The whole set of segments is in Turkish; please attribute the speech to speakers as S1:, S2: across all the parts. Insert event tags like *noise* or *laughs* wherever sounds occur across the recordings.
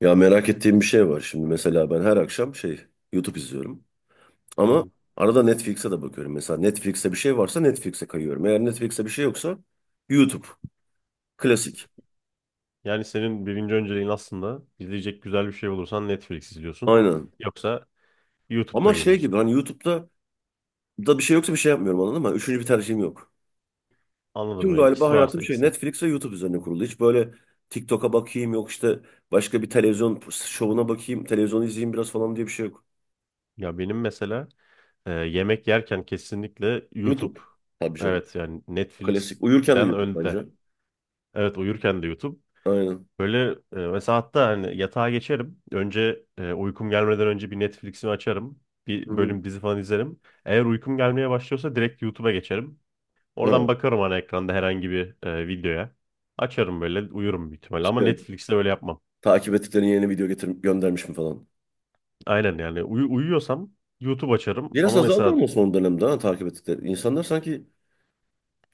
S1: Ya merak ettiğim bir şey var. Şimdi mesela ben her akşam YouTube izliyorum.
S2: Hı
S1: Ama
S2: hı.
S1: arada Netflix'e de bakıyorum. Mesela Netflix'te bir şey varsa Netflix'e kayıyorum. Eğer Netflix'te bir şey yoksa YouTube. Klasik.
S2: Yani senin birinci önceliğin aslında izleyecek güzel bir şey bulursan Netflix izliyorsun.
S1: Aynen.
S2: Yoksa YouTube'da
S1: Ama şey
S2: geziyorsun.
S1: gibi hani YouTube'da da bir şey yoksa bir şey yapmıyorum anladın mı? Üçüncü bir tercihim yok.
S2: Anladım
S1: Tüm
S2: ya.
S1: galiba
S2: İkisi
S1: hayatım
S2: varsa ikisi.
S1: Netflix ve YouTube üzerine kurulu. Hiç böyle TikTok'a bakayım yok işte başka bir televizyon şovuna bakayım, televizyonu izleyeyim biraz falan diye bir şey yok.
S2: Ya benim mesela yemek yerken kesinlikle
S1: YouTube.
S2: YouTube.
S1: Tabii canım.
S2: Evet yani
S1: Klasik. Uyurken de
S2: Netflix'den
S1: YouTube
S2: önde.
S1: bence.
S2: Evet uyurken de YouTube.
S1: Aynen.
S2: Böyle mesela hatta hani yatağa geçerim. Önce uykum gelmeden önce bir Netflix'imi açarım.
S1: Hı
S2: Bir
S1: hı.
S2: bölüm dizi falan izlerim. Eğer uykum gelmeye başlıyorsa direkt YouTube'a geçerim.
S1: Ha,
S2: Oradan bakarım ana ekranda herhangi bir videoya. Açarım böyle uyurum büyük ihtimalle ama
S1: şey.
S2: Netflix'te öyle yapmam.
S1: Takip ettiklerin yeni video getir göndermiş mi falan.
S2: Aynen yani uyuyorsam YouTube açarım
S1: Biraz
S2: ama
S1: azaldı
S2: mesela
S1: ama son dönemde takip ettikleri. İnsanlar sanki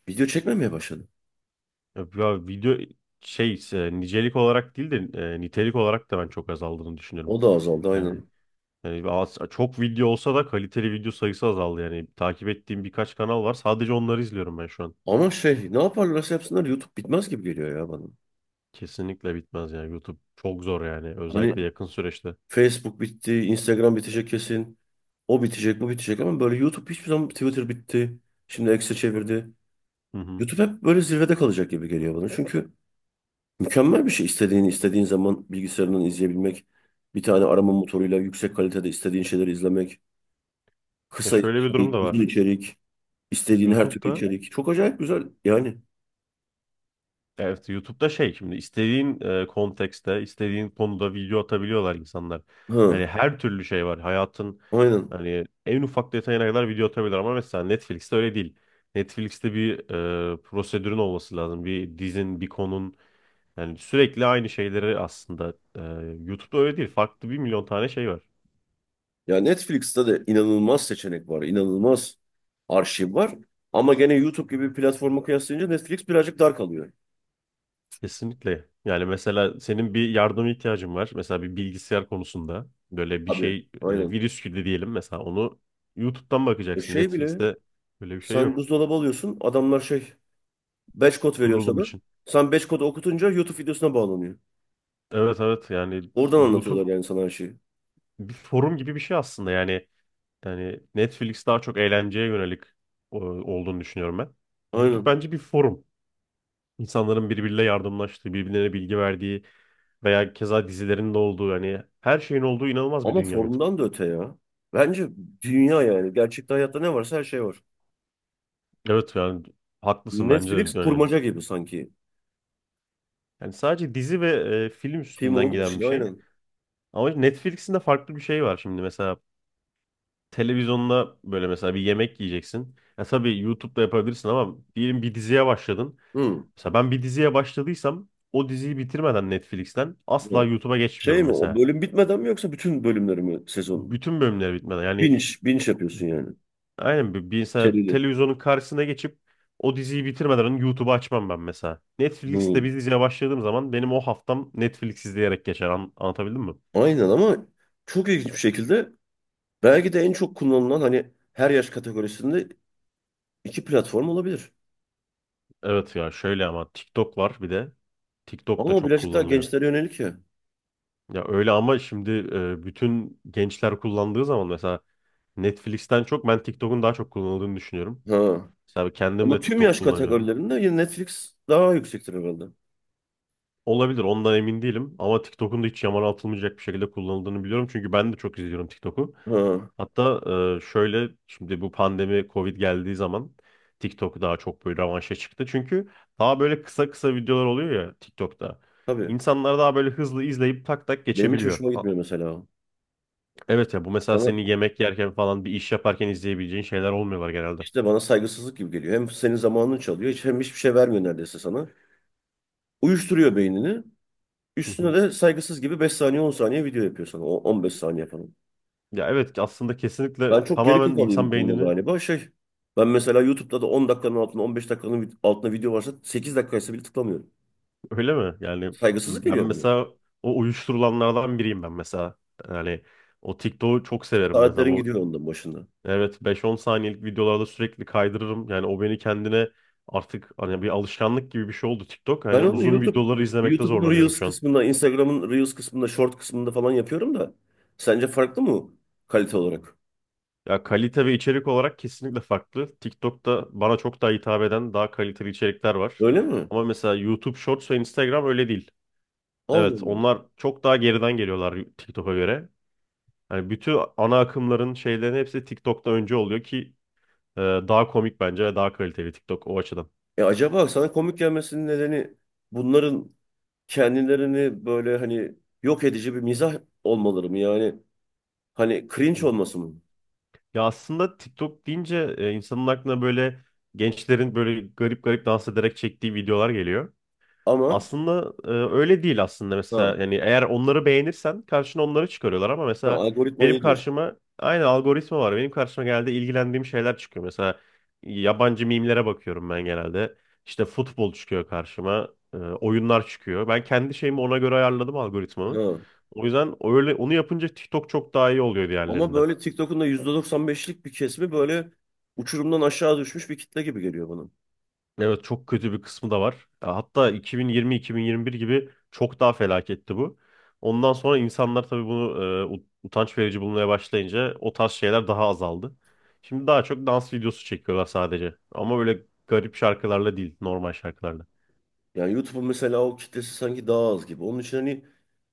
S1: video çekmemeye başladı.
S2: ya video şey nicelik olarak değil de nitelik olarak da ben çok azaldığını düşünüyorum.
S1: O da azaldı
S2: Yani,
S1: aynen.
S2: yani, çok video olsa da kaliteli video sayısı azaldı, yani takip ettiğim birkaç kanal var, sadece onları izliyorum ben şu an.
S1: Ama ne yaparlarsa yapsınlar YouTube bitmez gibi geliyor ya bana.
S2: Kesinlikle bitmez yani. YouTube çok zor yani,
S1: Hani
S2: özellikle yakın süreçte.
S1: Facebook bitti, Instagram bitecek kesin. O bitecek, bu bitecek ama böyle YouTube hiçbir zaman Twitter bitti. Şimdi X'e çevirdi.
S2: Hı hı.
S1: YouTube hep böyle zirvede kalacak gibi geliyor bana. Çünkü mükemmel bir şey istediğini istediğin zaman bilgisayarından izleyebilmek. Bir tane
S2: Hı
S1: arama
S2: hı.
S1: motoruyla yüksek kalitede istediğin şeyleri izlemek.
S2: Ya
S1: Kısa
S2: şöyle bir durum
S1: içerik,
S2: da
S1: uzun
S2: var.
S1: içerik, istediğin her türlü
S2: YouTube'da
S1: içerik. Çok acayip güzel yani.
S2: Evet, YouTube'da şey, şimdi istediğin kontekste, istediğin konuda video atabiliyorlar insanlar.
S1: Ha,
S2: Yani her türlü şey var. Hayatın
S1: aynen.
S2: hani en ufak detayına kadar video atabilirler, ama mesela Netflix'te öyle değil. Netflix'te bir prosedürün olması lazım. Bir dizin, bir konun, yani sürekli aynı şeyleri aslında. YouTube'da öyle değil. Farklı bir milyon tane şey var.
S1: Ya Netflix'te de inanılmaz seçenek var, inanılmaz arşiv var. Ama gene YouTube gibi bir platforma kıyaslayınca Netflix birazcık dar kalıyor.
S2: Kesinlikle. Yani mesela senin bir yardıma ihtiyacın var. Mesela bir bilgisayar konusunda böyle bir
S1: Tabii,
S2: şey,
S1: aynen.
S2: virüs gibi diyelim mesela, onu YouTube'dan
S1: E
S2: bakacaksın.
S1: şey bile,
S2: Netflix'te böyle bir şey
S1: sen
S2: yok,
S1: buzdolabı alıyorsun, adamlar batch kod veriyor
S2: kurulum
S1: sana.
S2: için.
S1: Sen batch kodu okutunca YouTube videosuna bağlanıyor.
S2: Evet, evet, yani
S1: Oradan
S2: YouTube
S1: anlatıyorlar yani sana her şeyi.
S2: bir forum gibi bir şey aslında. Yani Netflix daha çok eğlenceye yönelik olduğunu düşünüyorum ben. YouTube
S1: Aynen.
S2: bence bir forum. İnsanların birbiriyle yardımlaştığı, birbirlerine bilgi verdiği veya keza dizilerin de olduğu, yani her şeyin olduğu inanılmaz bir
S1: Ama
S2: dünya YouTube.
S1: formdan da öte ya. Bence dünya yani. Gerçekte hayatta ne varsa her şey var.
S2: Evet yani haklısın bence
S1: Netflix
S2: de yani.
S1: kurmaca gibi sanki.
S2: Yani sadece dizi ve film
S1: Film
S2: üstünden
S1: olduğu
S2: giden
S1: için
S2: bir şey.
S1: aynen.
S2: Ama Netflix'in de farklı bir şey var şimdi, mesela televizyonda böyle mesela bir yemek yiyeceksin. Ya tabii YouTube'da yapabilirsin ama diyelim bir diziye başladın.
S1: Hı.
S2: Mesela ben bir diziye başladıysam o diziyi bitirmeden Netflix'ten asla
S1: Hı.
S2: YouTube'a
S1: Şey
S2: geçmiyorum
S1: mi o
S2: mesela.
S1: bölüm bitmeden mi yoksa bütün bölümleri mi sezon?
S2: Bütün bölümleri bitmeden yani.
S1: Binge, binge yapıyorsun yani.
S2: Aynen, bir mesela
S1: Serili.
S2: televizyonun karşısına geçip o diziyi bitirmeden önce YouTube'u açmam ben mesela. Netflix'te
S1: Hı.
S2: bir diziye başladığım zaman benim o haftam Netflix izleyerek geçer. Anlatabildim mi?
S1: Aynen ama çok ilginç bir şekilde belki de en çok kullanılan hani her yaş kategorisinde iki platform olabilir.
S2: Evet ya, şöyle ama TikTok var bir de. TikTok
S1: Ama
S2: da
S1: o
S2: çok
S1: birazcık daha
S2: kullanılıyor.
S1: gençlere yönelik ya.
S2: Ya öyle ama şimdi bütün gençler kullandığı zaman mesela Netflix'ten çok ben TikTok'un daha çok kullanıldığını düşünüyorum.
S1: Ha.
S2: Mesela kendim
S1: Ama
S2: de
S1: tüm
S2: TikTok
S1: yaş
S2: kullanıyorum.
S1: kategorilerinde yine Netflix daha yüksektir herhalde.
S2: Olabilir, ondan emin değilim, ama TikTok'un da hiç yamana atılmayacak bir şekilde kullanıldığını biliyorum. Çünkü ben de çok izliyorum TikTok'u.
S1: Ha.
S2: Hatta şöyle, şimdi bu pandemi Covid geldiği zaman TikTok daha çok böyle revanşa çıktı. Çünkü daha böyle kısa kısa videolar oluyor ya TikTok'ta.
S1: Tabii.
S2: İnsanlar daha böyle hızlı izleyip tak tak
S1: Benim hiç
S2: geçebiliyor.
S1: hoşuma gitmiyor mesela. O.
S2: Evet ya, bu mesela
S1: Bana
S2: seni yemek yerken falan, bir iş yaparken izleyebileceğin şeyler olmuyorlar genelde.
S1: İşte bana saygısızlık gibi geliyor. Hem senin zamanını çalıyor, hem hiçbir şey vermiyor neredeyse sana. Uyuşturuyor beynini.
S2: Hı
S1: Üstüne
S2: hı.
S1: de saygısız gibi 5 saniye 10 saniye video yapıyor sana. O 15 saniye falan.
S2: Ya evet, aslında
S1: Ben
S2: kesinlikle
S1: çok geri
S2: tamamen
S1: kafalıyım bu
S2: insan
S1: konuda
S2: beynini.
S1: galiba. Ben mesela YouTube'da da 10 dakikanın altında 15 dakikanın altında video varsa 8 dakikaysa bile tıklamıyorum.
S2: Öyle mi? Yani
S1: Saygısızlık
S2: ben
S1: geliyor bana.
S2: mesela o uyuşturulanlardan biriyim ben mesela. Yani o TikTok'u çok severim mesela.
S1: Saatlerin gidiyor ondan başında.
S2: Evet, 5-10 saniyelik videolarda sürekli kaydırırım. Yani o beni kendine, artık hani bir alışkanlık gibi bir şey oldu TikTok.
S1: Ben
S2: Hani
S1: onu
S2: uzun
S1: YouTube
S2: videoları izlemekte
S1: YouTube'un
S2: zorlanıyorum
S1: Reels
S2: şu an.
S1: kısmında, Instagram'ın Reels kısmında, Short kısmında falan yapıyorum da sence farklı mı kalite olarak?
S2: Ya kalite ve içerik olarak kesinlikle farklı. TikTok'ta bana çok daha hitap eden, daha kaliteli içerikler var.
S1: Öyle mi?
S2: Ama mesela YouTube Shorts ve Instagram öyle değil.
S1: Allah
S2: Evet,
S1: Allah.
S2: onlar çok daha geriden geliyorlar TikTok'a göre. Hani bütün ana akımların, şeylerin hepsi TikTok'ta önce oluyor ki, daha komik bence ve daha kaliteli TikTok o açıdan.
S1: E acaba sana komik gelmesinin nedeni bunların kendilerini böyle hani yok edici bir mizah olmaları mı? Yani hani
S2: Hı
S1: cringe
S2: hı.
S1: olması mı?
S2: Ya aslında TikTok deyince insanın aklına böyle gençlerin böyle garip garip dans ederek çektiği videolar geliyor.
S1: Ama
S2: Aslında öyle değil aslında,
S1: ha,
S2: mesela yani eğer onları beğenirsen karşına onları çıkarıyorlar, ama
S1: ha
S2: mesela
S1: algoritma
S2: benim
S1: iyi diyorsun.
S2: karşıma aynı algoritma var. Benim karşıma genelde ilgilendiğim şeyler çıkıyor. Mesela yabancı mimlere bakıyorum ben genelde. İşte futbol çıkıyor karşıma, oyunlar çıkıyor. Ben kendi şeyimi ona göre ayarladım, algoritmamı.
S1: Ha.
S2: O yüzden öyle onu yapınca TikTok çok daha iyi oluyor
S1: Ama
S2: diğerlerinden.
S1: böyle TikTok'un da %95'lik bir kesimi böyle uçurumdan aşağı düşmüş bir kitle gibi geliyor bana.
S2: Evet, çok kötü bir kısmı da var. Ya hatta 2020-2021 gibi çok daha felaketti bu. Ondan sonra insanlar tabii bunu utanç verici bulmaya başlayınca o tarz şeyler daha azaldı. Şimdi daha çok dans videosu çekiyorlar sadece. Ama öyle garip şarkılarla değil, normal şarkılarla.
S1: Yani YouTube'un mesela o kitlesi sanki daha az gibi. Onun için hani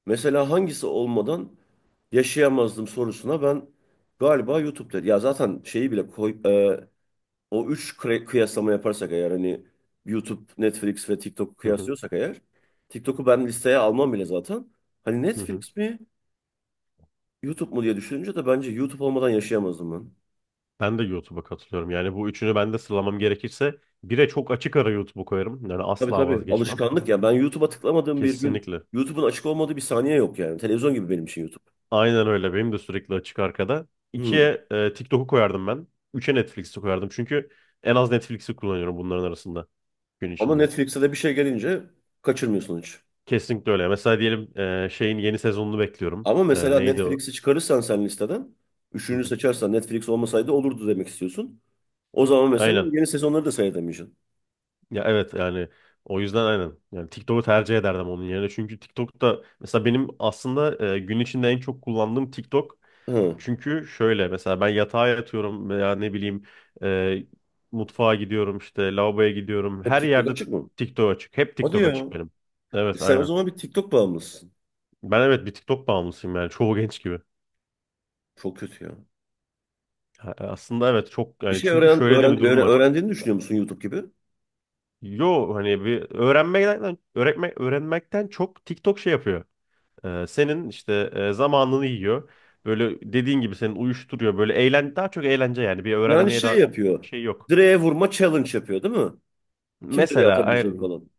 S1: mesela hangisi olmadan yaşayamazdım sorusuna ben galiba YouTube'da. Ya zaten şeyi bile koy, o üç kıyaslama yaparsak eğer hani YouTube, Netflix ve TikTok'u
S2: Hı hı,
S1: kıyaslıyorsak eğer TikTok'u ben listeye almam bile zaten. Hani
S2: hı hı.
S1: Netflix mi YouTube mu diye düşününce de bence YouTube olmadan yaşayamazdım ben.
S2: Ben de YouTube'a katılıyorum. Yani bu üçünü ben de sıralamam gerekirse bire çok açık ara YouTube'u koyarım. Yani
S1: Tabii
S2: asla
S1: tabii
S2: vazgeçmem.
S1: alışkanlık ya. Ben YouTube'a tıklamadığım bir gün
S2: Kesinlikle.
S1: YouTube'un açık olmadığı bir saniye yok yani. Televizyon gibi benim için YouTube.
S2: Aynen öyle. Benim de sürekli açık arkada.
S1: Hmm.
S2: İkiye TikTok'u koyardım ben. Üçe Netflix'i koyardım. Çünkü en az Netflix'i kullanıyorum bunların arasında gün
S1: Ama
S2: içinde.
S1: Netflix'e de bir şey gelince kaçırmıyorsun hiç.
S2: Kesinlikle öyle. Mesela diyelim şeyin yeni sezonunu bekliyorum.
S1: Ama mesela
S2: Neydi o?
S1: Netflix'i çıkarırsan sen listeden,
S2: Hı
S1: üçüncü
S2: hı.
S1: seçersen Netflix olmasaydı olurdu demek istiyorsun. O zaman mesela
S2: Aynen.
S1: yeni sezonları da seyredemeyeceksin.
S2: Ya evet yani, o yüzden aynen. Yani TikTok'u tercih ederdim onun yerine. Çünkü TikTok'ta mesela benim aslında gün içinde en çok kullandığım TikTok.
S1: Hı.
S2: Çünkü şöyle, mesela ben yatağa yatıyorum veya ne bileyim, e, mutfağa gidiyorum, işte lavaboya gidiyorum.
S1: Hep
S2: Her
S1: TikTok
S2: yerde
S1: açık mı?
S2: TikTok açık. Hep
S1: Hadi
S2: TikTok
S1: ya.
S2: açık benim.
S1: E
S2: Evet
S1: sen o
S2: aynen.
S1: zaman bir TikTok bağımlısın.
S2: Ben, evet, bir TikTok bağımlısıyım yani, çoğu genç gibi.
S1: Çok kötü ya.
S2: Aslında evet, çok
S1: Bir
S2: yani,
S1: şey
S2: çünkü şöyle de bir durum var.
S1: öğrendiğini düşünüyor musun YouTube gibi?
S2: Yo hani bir öğrenmekten öğretme, öğrenmekten çok TikTok şey yapıyor. Senin işte zamanını yiyor. Böyle dediğin gibi senin uyuşturuyor. Böyle daha çok eğlence, yani bir
S1: Yani
S2: öğrenmeye
S1: şey
S2: daha
S1: yapıyor.
S2: şey yok.
S1: Direğe vurma challenge yapıyor değil mi? Kim direğe
S2: Mesela
S1: atabilecek
S2: aynen.
S1: falan.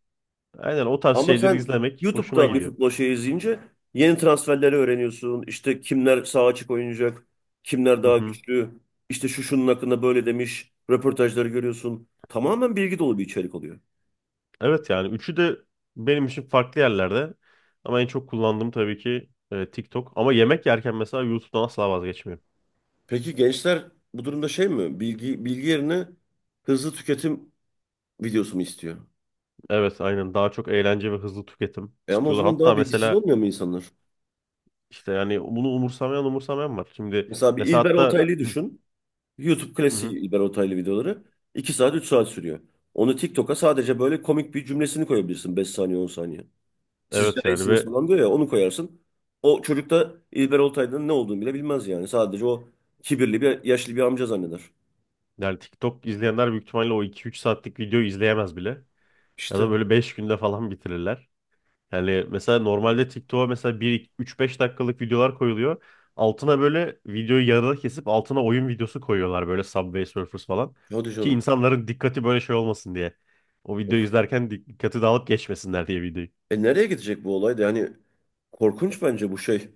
S2: Aynen, o tarz
S1: Ama
S2: şeyleri
S1: sen
S2: izlemek hoşuma
S1: YouTube'da bir
S2: gidiyor.
S1: futbol şeyi izleyince yeni transferleri öğreniyorsun. İşte kimler sağ açık oynayacak. Kimler
S2: Hı
S1: daha
S2: hı.
S1: güçlü. İşte şunun hakkında böyle demiş. Röportajları görüyorsun. Tamamen bilgi dolu bir içerik oluyor.
S2: Evet yani üçü de benim için farklı yerlerde. Ama en çok kullandığım tabii ki TikTok. Ama yemek yerken mesela YouTube'dan asla vazgeçmiyorum.
S1: Peki gençler bu durumda şey mi? Bilgi yerine hızlı tüketim videosunu istiyor.
S2: Evet aynen, daha çok eğlence ve hızlı tüketim
S1: Ama o
S2: istiyorlar.
S1: zaman
S2: Hatta
S1: daha bilgisiz
S2: mesela
S1: olmuyor mu insanlar?
S2: işte yani, bunu umursamayan var. Şimdi
S1: Mesela bir
S2: mesela
S1: İlber
S2: hatta,
S1: Ortaylı'yı
S2: hı,
S1: düşün. YouTube
S2: hı
S1: klasiği
S2: hı.
S1: İlber Ortaylı videoları 2 saat 3 saat sürüyor. Onu TikTok'a sadece böyle komik bir cümlesini koyabilirsin 5 saniye 10 saniye. Sizce
S2: Evet yani,
S1: iyisiniz
S2: ve
S1: falan diyor ya onu koyarsın. O çocuk da İlber Ortaylı'nın ne olduğunu bile bilmez yani. Sadece o kibirli bir yaşlı bir amca zanneder.
S2: yani TikTok izleyenler büyük ihtimalle o 2-3 saatlik videoyu izleyemez bile. Ya da
S1: İşte
S2: böyle 5 günde falan bitirirler. Yani mesela normalde TikTok'a mesela bir 3-5 dakikalık videolar koyuluyor. Altına böyle videoyu yarıda kesip altına oyun videosu koyuyorlar, böyle Subway Surfers falan.
S1: hadi
S2: Ki
S1: canım.
S2: insanların dikkati böyle şey olmasın diye. O
S1: Of.
S2: videoyu izlerken dikkati dağılıp geçmesinler diye, videoyu.
S1: Nereye gidecek bu olay da yani korkunç bence bu şey.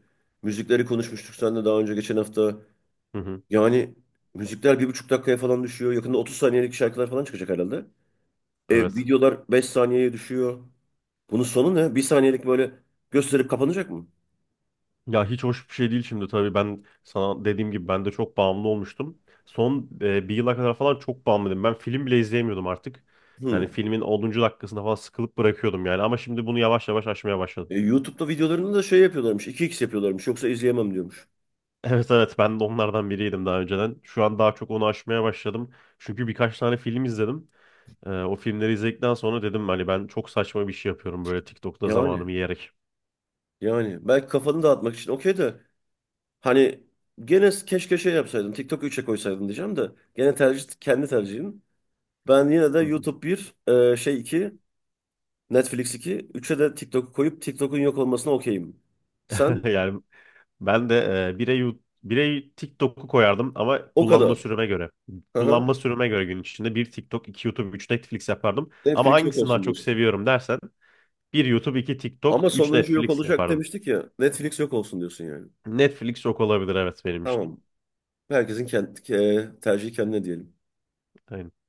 S1: Müzikleri konuşmuştuk seninle daha önce geçen hafta.
S2: Hı hı.
S1: Yani müzikler 1,5 dakikaya falan düşüyor. Yakında 30 saniyelik şarkılar falan çıkacak herhalde. E,
S2: Evet.
S1: videolar 5 saniyeye düşüyor. Bunun sonu ne? 1 saniyelik böyle gösterip kapanacak mı?
S2: Ya hiç hoş bir şey değil şimdi, tabii ben sana dediğim gibi ben de çok bağımlı olmuştum. Son bir yıla kadar falan çok bağımlıydım. Ben film bile izleyemiyordum artık.
S1: Hmm.
S2: Yani filmin 10. dakikasında falan sıkılıp bırakıyordum yani, ama şimdi bunu yavaş yavaş aşmaya başladım.
S1: YouTube'da videolarını da şey yapıyorlarmış. 2x yapıyorlarmış. Yoksa izleyemem diyormuş.
S2: Evet evet, ben de onlardan biriydim daha önceden. Şu an daha çok onu aşmaya başladım. Çünkü birkaç tane film izledim. O filmleri izledikten sonra dedim hani ben çok saçma bir şey yapıyorum böyle TikTok'ta, zamanımı
S1: Yani.
S2: yiyerek.
S1: Yani. Belki kafanı dağıtmak için okey de. Hani gene keşke şey yapsaydın. TikTok 3'e koysaydın diyeceğim de. Gene tercih kendi tercihin. Ben yine de
S2: Hı hı.
S1: YouTube bir şey 2. Netflix 2, 3'e de TikTok'u koyup TikTok'un yok olmasına okeyim.
S2: *laughs*
S1: Sen
S2: Yani ben de bire TikTok'u koyardım, ama
S1: o
S2: kullanma
S1: kadar.
S2: süreme göre.
S1: Hı
S2: Kullanma
S1: hı.
S2: süreme göre gün içinde bir TikTok, iki YouTube, üç Netflix yapardım. Ama
S1: Netflix yok
S2: hangisini daha
S1: olsun
S2: çok
S1: diyorsun.
S2: seviyorum dersen bir YouTube, iki TikTok,
S1: Ama
S2: üç
S1: sonuncu yok
S2: Netflix
S1: olacak
S2: yapardım.
S1: demiştik ya. Netflix yok olsun diyorsun yani.
S2: Netflix çok olabilir evet, benim
S1: Tamam. Herkesin kendi, tercihi kendine diyelim.
S2: için.